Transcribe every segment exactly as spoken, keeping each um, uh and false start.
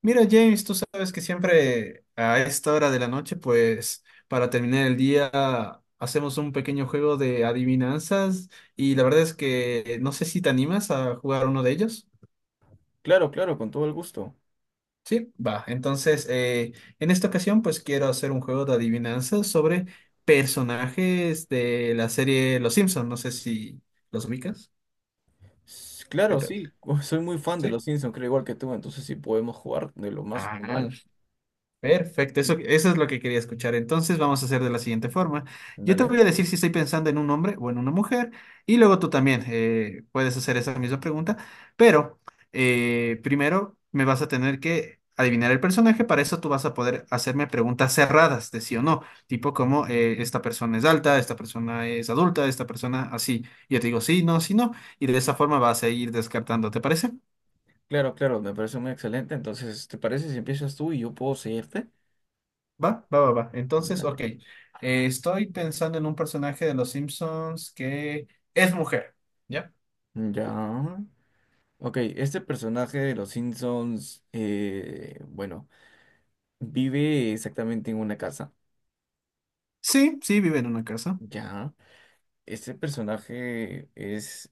Mira, James, tú sabes que siempre a esta hora de la noche, pues para terminar el día, hacemos un pequeño juego de adivinanzas y la verdad es que no sé si te animas a jugar uno de ellos. Claro, claro, con todo el gusto. Sí, va. Entonces, eh, en esta ocasión, pues quiero hacer un juego de adivinanzas sobre personajes de la serie Los Simpson. No sé si los ubicas. S- ¿Qué Claro, tal? sí, soy muy fan de Sí. los Simpsons, creo igual que tú, entonces sí podemos jugar de lo más Ah, normal. Perfecto, eso, eso es lo que quería escuchar. Entonces vamos a hacer de la siguiente forma. Yo te voy Dale. a decir si estoy pensando en un hombre o en una mujer y luego tú también eh, puedes hacer esa misma pregunta, pero eh, primero me vas a tener que adivinar el personaje, para eso tú vas a poder hacerme preguntas cerradas de sí o no, tipo como eh, esta persona es alta, esta persona es adulta, esta persona así. Yo te digo sí, no, sí, no, y de esa forma vas a ir descartando, ¿te parece? Claro, claro, me parece muy excelente. Entonces, ¿te parece si empiezas tú y yo puedo seguirte? Va, va, va, va. Entonces, Dale. ok. Eh, estoy pensando en un personaje de Los Simpsons que es mujer. ¿Ya? Ya. Ok, este personaje de los Simpsons, eh, bueno, vive exactamente en una casa. Sí, sí, vive en una casa. Ya. Este personaje es,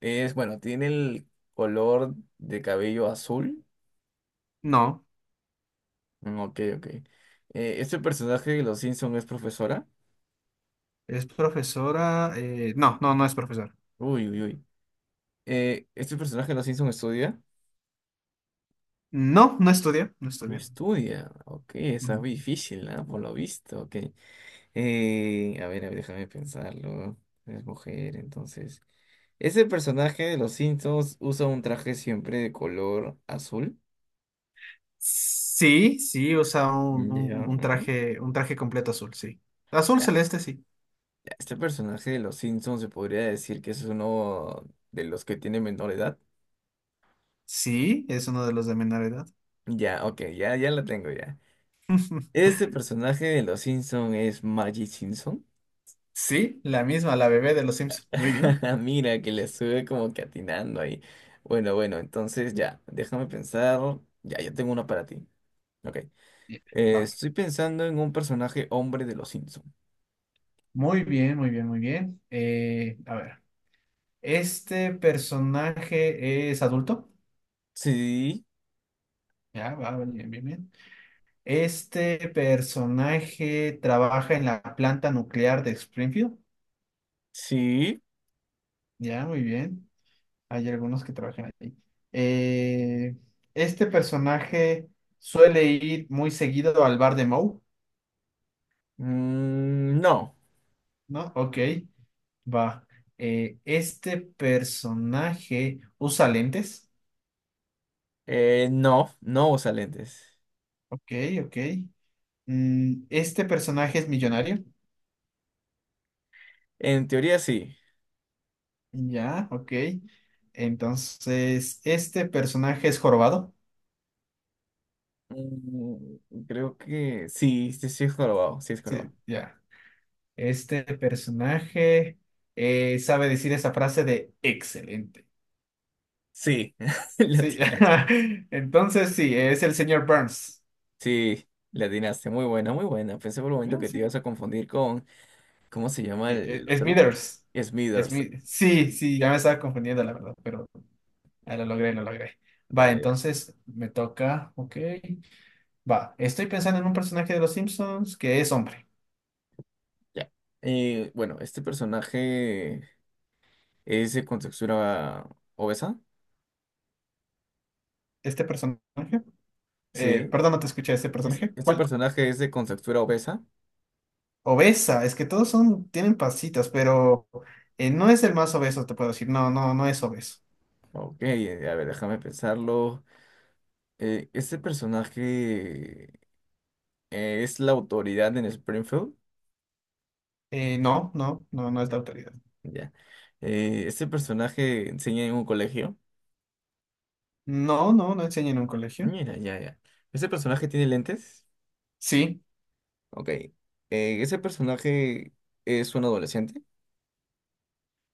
es, bueno, tiene el color de cabello azul. No, Mm, ok, ok. Eh, ¿este personaje de Los Simpson es profesora? es profesora. eh, no, no, no es profesora. Uy, uy, uy. Eh, ¿este personaje de Los Simpson estudia? No, no estudia, no No estudia. estudia. Ok, esa es Ujú. difícil, ¿ah? Por lo visto. Ok. Eh, a ver, a ver, déjame pensarlo. Es mujer, entonces. ¿Ese personaje de Los Simpsons usa un traje siempre de color azul? Sí, sí, usa un, Mm, ya. Un- un ¿no? traje, un traje completo azul, sí. Azul Ya, celeste, sí. ya. Este personaje de Los Simpsons se podría decir que es uno de los que tiene menor edad. Sí, es uno de los de menor edad. Ya, ok, ya, ya la tengo ya. Este personaje de Los Simpson es Maggie Simpson. Sí, la misma, la bebé de Los Simpsons. Muy bien. Mira, que le sube como que atinando ahí. Bueno, bueno, entonces ya, déjame pensar. Ya, ya tengo uno para ti. Ok. Bien, Eh, va. estoy pensando en un personaje hombre de Los Simpson. Muy bien, muy bien, muy bien. Eh, a ver. Este personaje es adulto. Sí, Ya, va, bien, bien, bien. Este personaje trabaja en la planta nuclear de Springfield. sí. Ya, muy bien. Hay algunos que trabajan ahí. Eh, este personaje suele ir muy seguido al bar de Moe, Mm, no. ¿no? Ok, va. Eh, este personaje usa lentes. Eh, no, no usa lentes. Ok, ok. Mm, este personaje es millonario. En teoría sí. Ya, ok. Entonces, este personaje es jorobado. Mm, creo que sí, sí, sí es jorobado, sí es Sí, jorobado. ya. Este personaje eh, sabe decir esa frase de excelente. Sí, Sí. latina. Entonces, sí, es el señor Burns. Sí, la atinaste. Muy buena, muy buena. Pensé por un momento Ah, que te sí. ibas a confundir con, ¿cómo se llama el, Eh, el eh, otro? Smithers. Smithers. Smi- Sí, sí, ya me estaba confundiendo, la verdad, pero ah, lo logré, lo logré. Va, Dale, dale. entonces me toca. Ok. Va, estoy pensando en un personaje de los Simpsons que es hombre. Ya. Eh, bueno, este personaje es de contextura obesa. Este personaje. Eh, Sí. perdón, no te escuché este Es- personaje. Este ¿Cuál? personaje es de contextura obesa. Obesa, es que todos son, tienen pasitas, pero eh, no es el más obeso, te puedo decir. No, no, no es obeso. Ok, eh, a ver, déjame pensarlo. Eh, este personaje eh, es la autoridad en Springfield. Eh, no, no, no, no es de autoridad. Ya. Eh, este personaje enseña en un colegio. No, no, no enseña en un colegio. Mira, ya, ya. ¿Este personaje tiene lentes? Sí, Ok. Eh, ese personaje es un adolescente.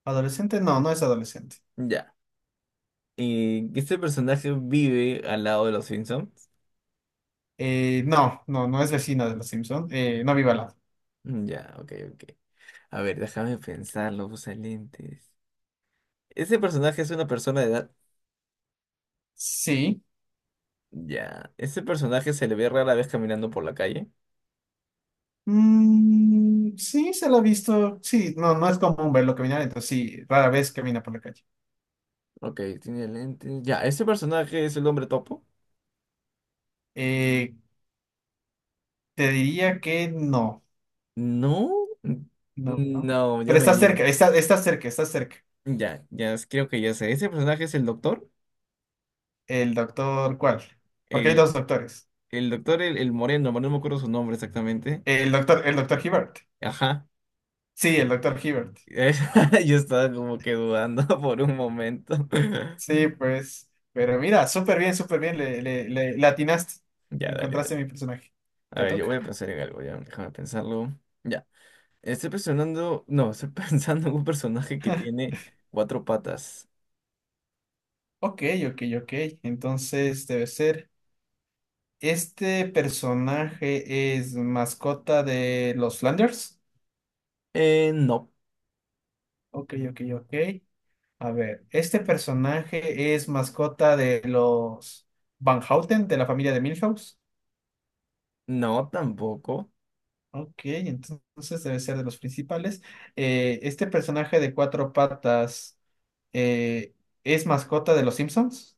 adolescente, no, no es adolescente. Ya. Y este personaje vive al lado de los Simpsons. Eh, no, no, no es vecina de los Simpson. Eh, no vive al lado. Mm, ya, ok, ok. A ver, déjame pensarlo, usa lentes. ¿Ese personaje es una persona de edad? Sí. Ya. ¿Ese personaje se le ve rara vez caminando por la calle? Mm, sí, se lo ha visto. Sí, no, no es común verlo caminar, entonces sí, rara vez camina por la calle. Ok, tiene lentes. Ya, ¿ese personaje es el hombre topo? Eh, te diría que no. No. N- No, no. No, ya Pero me está cerca, digan. está, está cerca, está cerca. Ya, ya, creo que ya sé. ¿Ese personaje es el doctor? El doctor, ¿cuál? Porque hay dos doctores. El doctor, el, el moreno, no me acuerdo su nombre exactamente. El doctor, el doctor Hibbert. Ajá. Sí, el doctor Hibbert. Es- Yo estaba como que dudando por un momento. Sí, pues. Pero mira, súper bien, súper bien. Le, le, le, le atinaste. Ya, dale, Encontraste dale. mi personaje. A Te ver, yo toca. voy a pensar en algo, ya. Déjame pensarlo. Ya. Estoy pensando, no, estoy pensando en un personaje que tiene cuatro patas. Ok, ok, ok. Entonces debe ser. ¿Este personaje es mascota de los Flanders? Eh, no, Ok, ok, ok. A ver, este personaje es mascota de los Van Houten, de la familia de Milhouse. no, tampoco. Ok, entonces debe ser de los principales. Eh, este personaje de cuatro patas eh, es mascota de los Simpsons.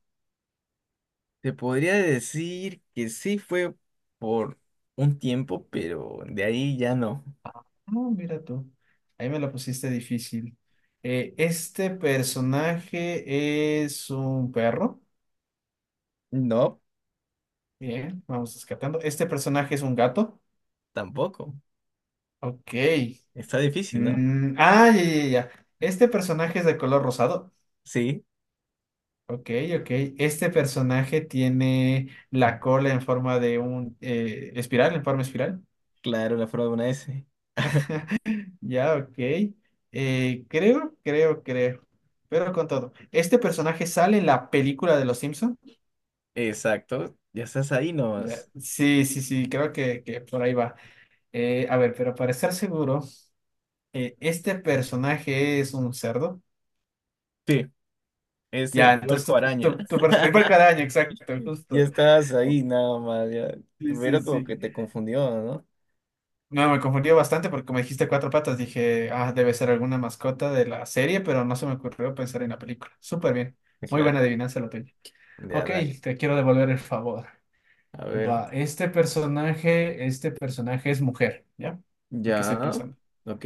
Te podría decir que sí fue por un tiempo, pero de ahí ya no. No, mira tú, ahí me lo pusiste difícil. Eh, este personaje es un perro. No, Bien, vamos descartando. Este personaje es un gato. tampoco. Ok. Está difícil, ¿no? Mm, ah, ya, ya, ya. ya. Este personaje es de color rosado. Sí. Ok, ok. Este personaje tiene la cola en forma de un eh, espiral, en forma espiral. Claro, la forma de una S. Ya, ok. Eh, creo, creo, creo. Pero con todo. ¿Este personaje sale en la película de Los Simpson? Exacto, ya estás ahí Ya, nomás. sí, sí, sí, creo que, que por ahí va. Eh, a ver, pero para estar seguro, eh, ¿este personaje es un cerdo? Sí, es el Ya, entonces puerco tu, araña. tu, tu pers- el puerco araña, exacto, Ya justo. estás ahí nada más, ya. Sí, sí, Pero como que sí. te confundió, ¿no? No, me confundió bastante porque como dijiste cuatro patas, dije, ah, debe ser alguna mascota de la serie, pero no se me ocurrió pensar en la película. Súper bien. Muy buena Claro, adivinanza la tuya. ya Ok, dale. te quiero devolver el favor. A ver, Va, este personaje, este personaje es mujer, ¿ya? El que estoy ya. pensando. Ok.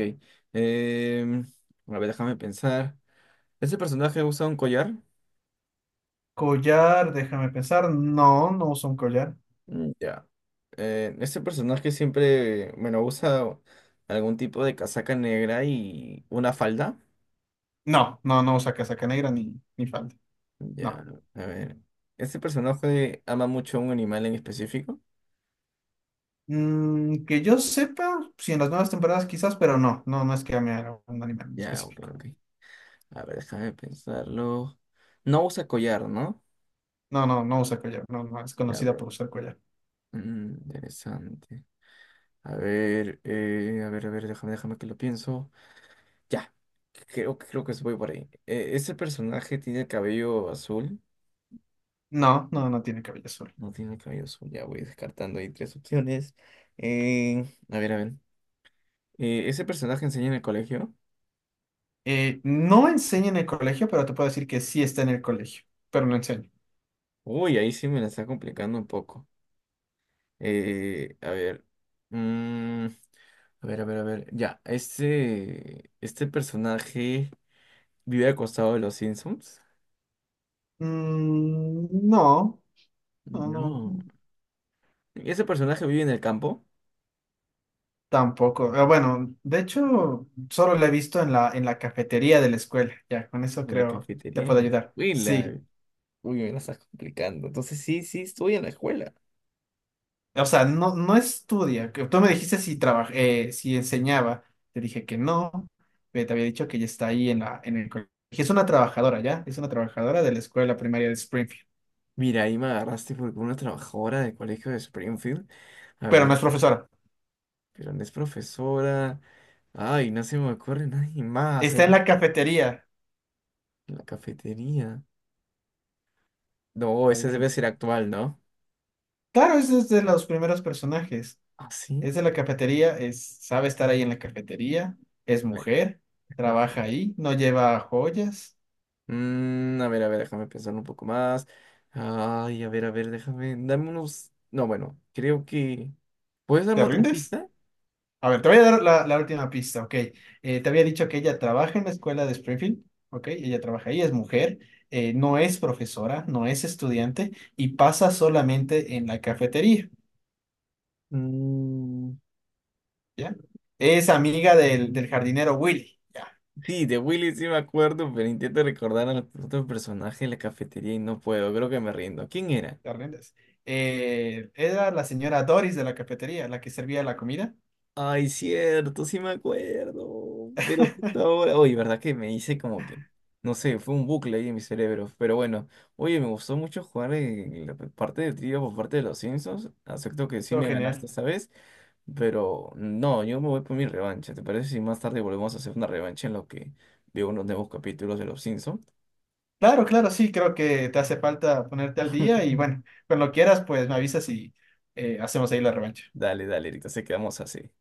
Em, a ver, déjame pensar. ¿Ese personaje usa un collar? Collar, déjame pensar. No, no usa un collar. Mm, ya. Eh, este personaje siempre, bueno, usa algún tipo de casaca negra y una falda. No, no, no usa casaca negra ni, ni falda. No. Ya, a ver. ¿Este personaje ama mucho a un animal en específico? Mm, que yo sepa, si en las nuevas temporadas quizás, pero no, no, no es que ame a un animal en Ya, ok, específico. ok. A ver, déjame pensarlo. No usa collar, ¿no? No, no, no usa collar. No, no, es Ya, a conocida por ver. usar collar. Mm, interesante. A ver, eh, a ver, a ver, déjame, déjame que lo pienso. Ya, creo, creo que se voy por ahí. Eh, ¿ese personaje tiene el cabello azul? No, no, no tiene cabello azul. No tiene el cabello azul, ya voy descartando ahí tres opciones. Eh, a ver, a ver. Eh, ¿ese personaje enseña en el colegio? Eh, no enseña en el colegio, pero te puedo decir que sí está en el colegio, pero no enseña. Uy, ahí sí me la está complicando un poco. Eh, a ver. Mm, a ver, a ver, a ver. Ya, este, este personaje vive al costado de los Simpsons. Mm, no, no, no, No. Ese personaje vive en el campo, tampoco. Eh, bueno, de hecho, solo la he visto en la, en la cafetería de la escuela. Ya, con eso en la creo te cafetería, en puedo la ayudar. Sí. escuela. Uy, me la estás complicando. Entonces sí, sí, estoy en la escuela. O sea, no, no estudia. Que tú me dijiste si trabaja, eh, si enseñaba. Te dije que no. eh, te había dicho que ya está ahí en la, en el colegio. Es una trabajadora, ¿ya? Es una trabajadora de la escuela primaria de Springfield. Mira, ahí me agarraste porque una trabajadora del colegio de Springfield. A Pero no ver, es profesora. pero no es profesora. Ay, no se me ocurre nadie más. A ver, Está en la cafetería. en la cafetería. No, ese debe Adivina. ser actual, ¿no? Claro, es es de los primeros personajes. ¿Ah, sí? Es de la cafetería, es, sabe estar ahí en la cafetería, es Le- mujer, Mujer. trabaja ahí, no lleva joyas. Mm, a ver, a ver, déjame pensar un poco más. Ay, a ver, a ver, déjame. Dame unos. No, bueno, creo que. ¿Puedes ¿Te darme otra rindes? pista? A ver, te voy a dar la, la última pista, ok. Eh, te había dicho que ella trabaja en la escuela de Springfield, ok. Ella trabaja ahí, es mujer, eh, no es profesora, no es estudiante y pasa solamente en la cafetería, Mm, ¿ya? Es amiga del, del jardinero Willy, ya, sí, de Willy sí me acuerdo, pero intento recordar al otro personaje en la cafetería y no puedo. Creo que me rindo. ¿Quién era? te rindes. Eh, era la señora Doris de la cafetería, la que servía la comida. Ay, cierto, sí me acuerdo. Pero justo ahora, oye, ¿verdad que me hice como que, no sé, fue un bucle ahí en mi cerebro? Pero bueno, oye, me gustó mucho jugar en la parte de trivia por parte de los Simpsons. Acepto que sí Todo me ganaste genial. esta vez, pero no, yo me voy por mi revancha. ¿Te parece si más tarde volvemos a hacer una revancha en lo que veo unos nuevos capítulos de los Simpsons? Claro, claro, sí, creo que te hace falta ponerte al día y bueno, cuando quieras, pues me avisas y eh, hacemos ahí la revancha. Dale, dale, ahorita se quedamos así.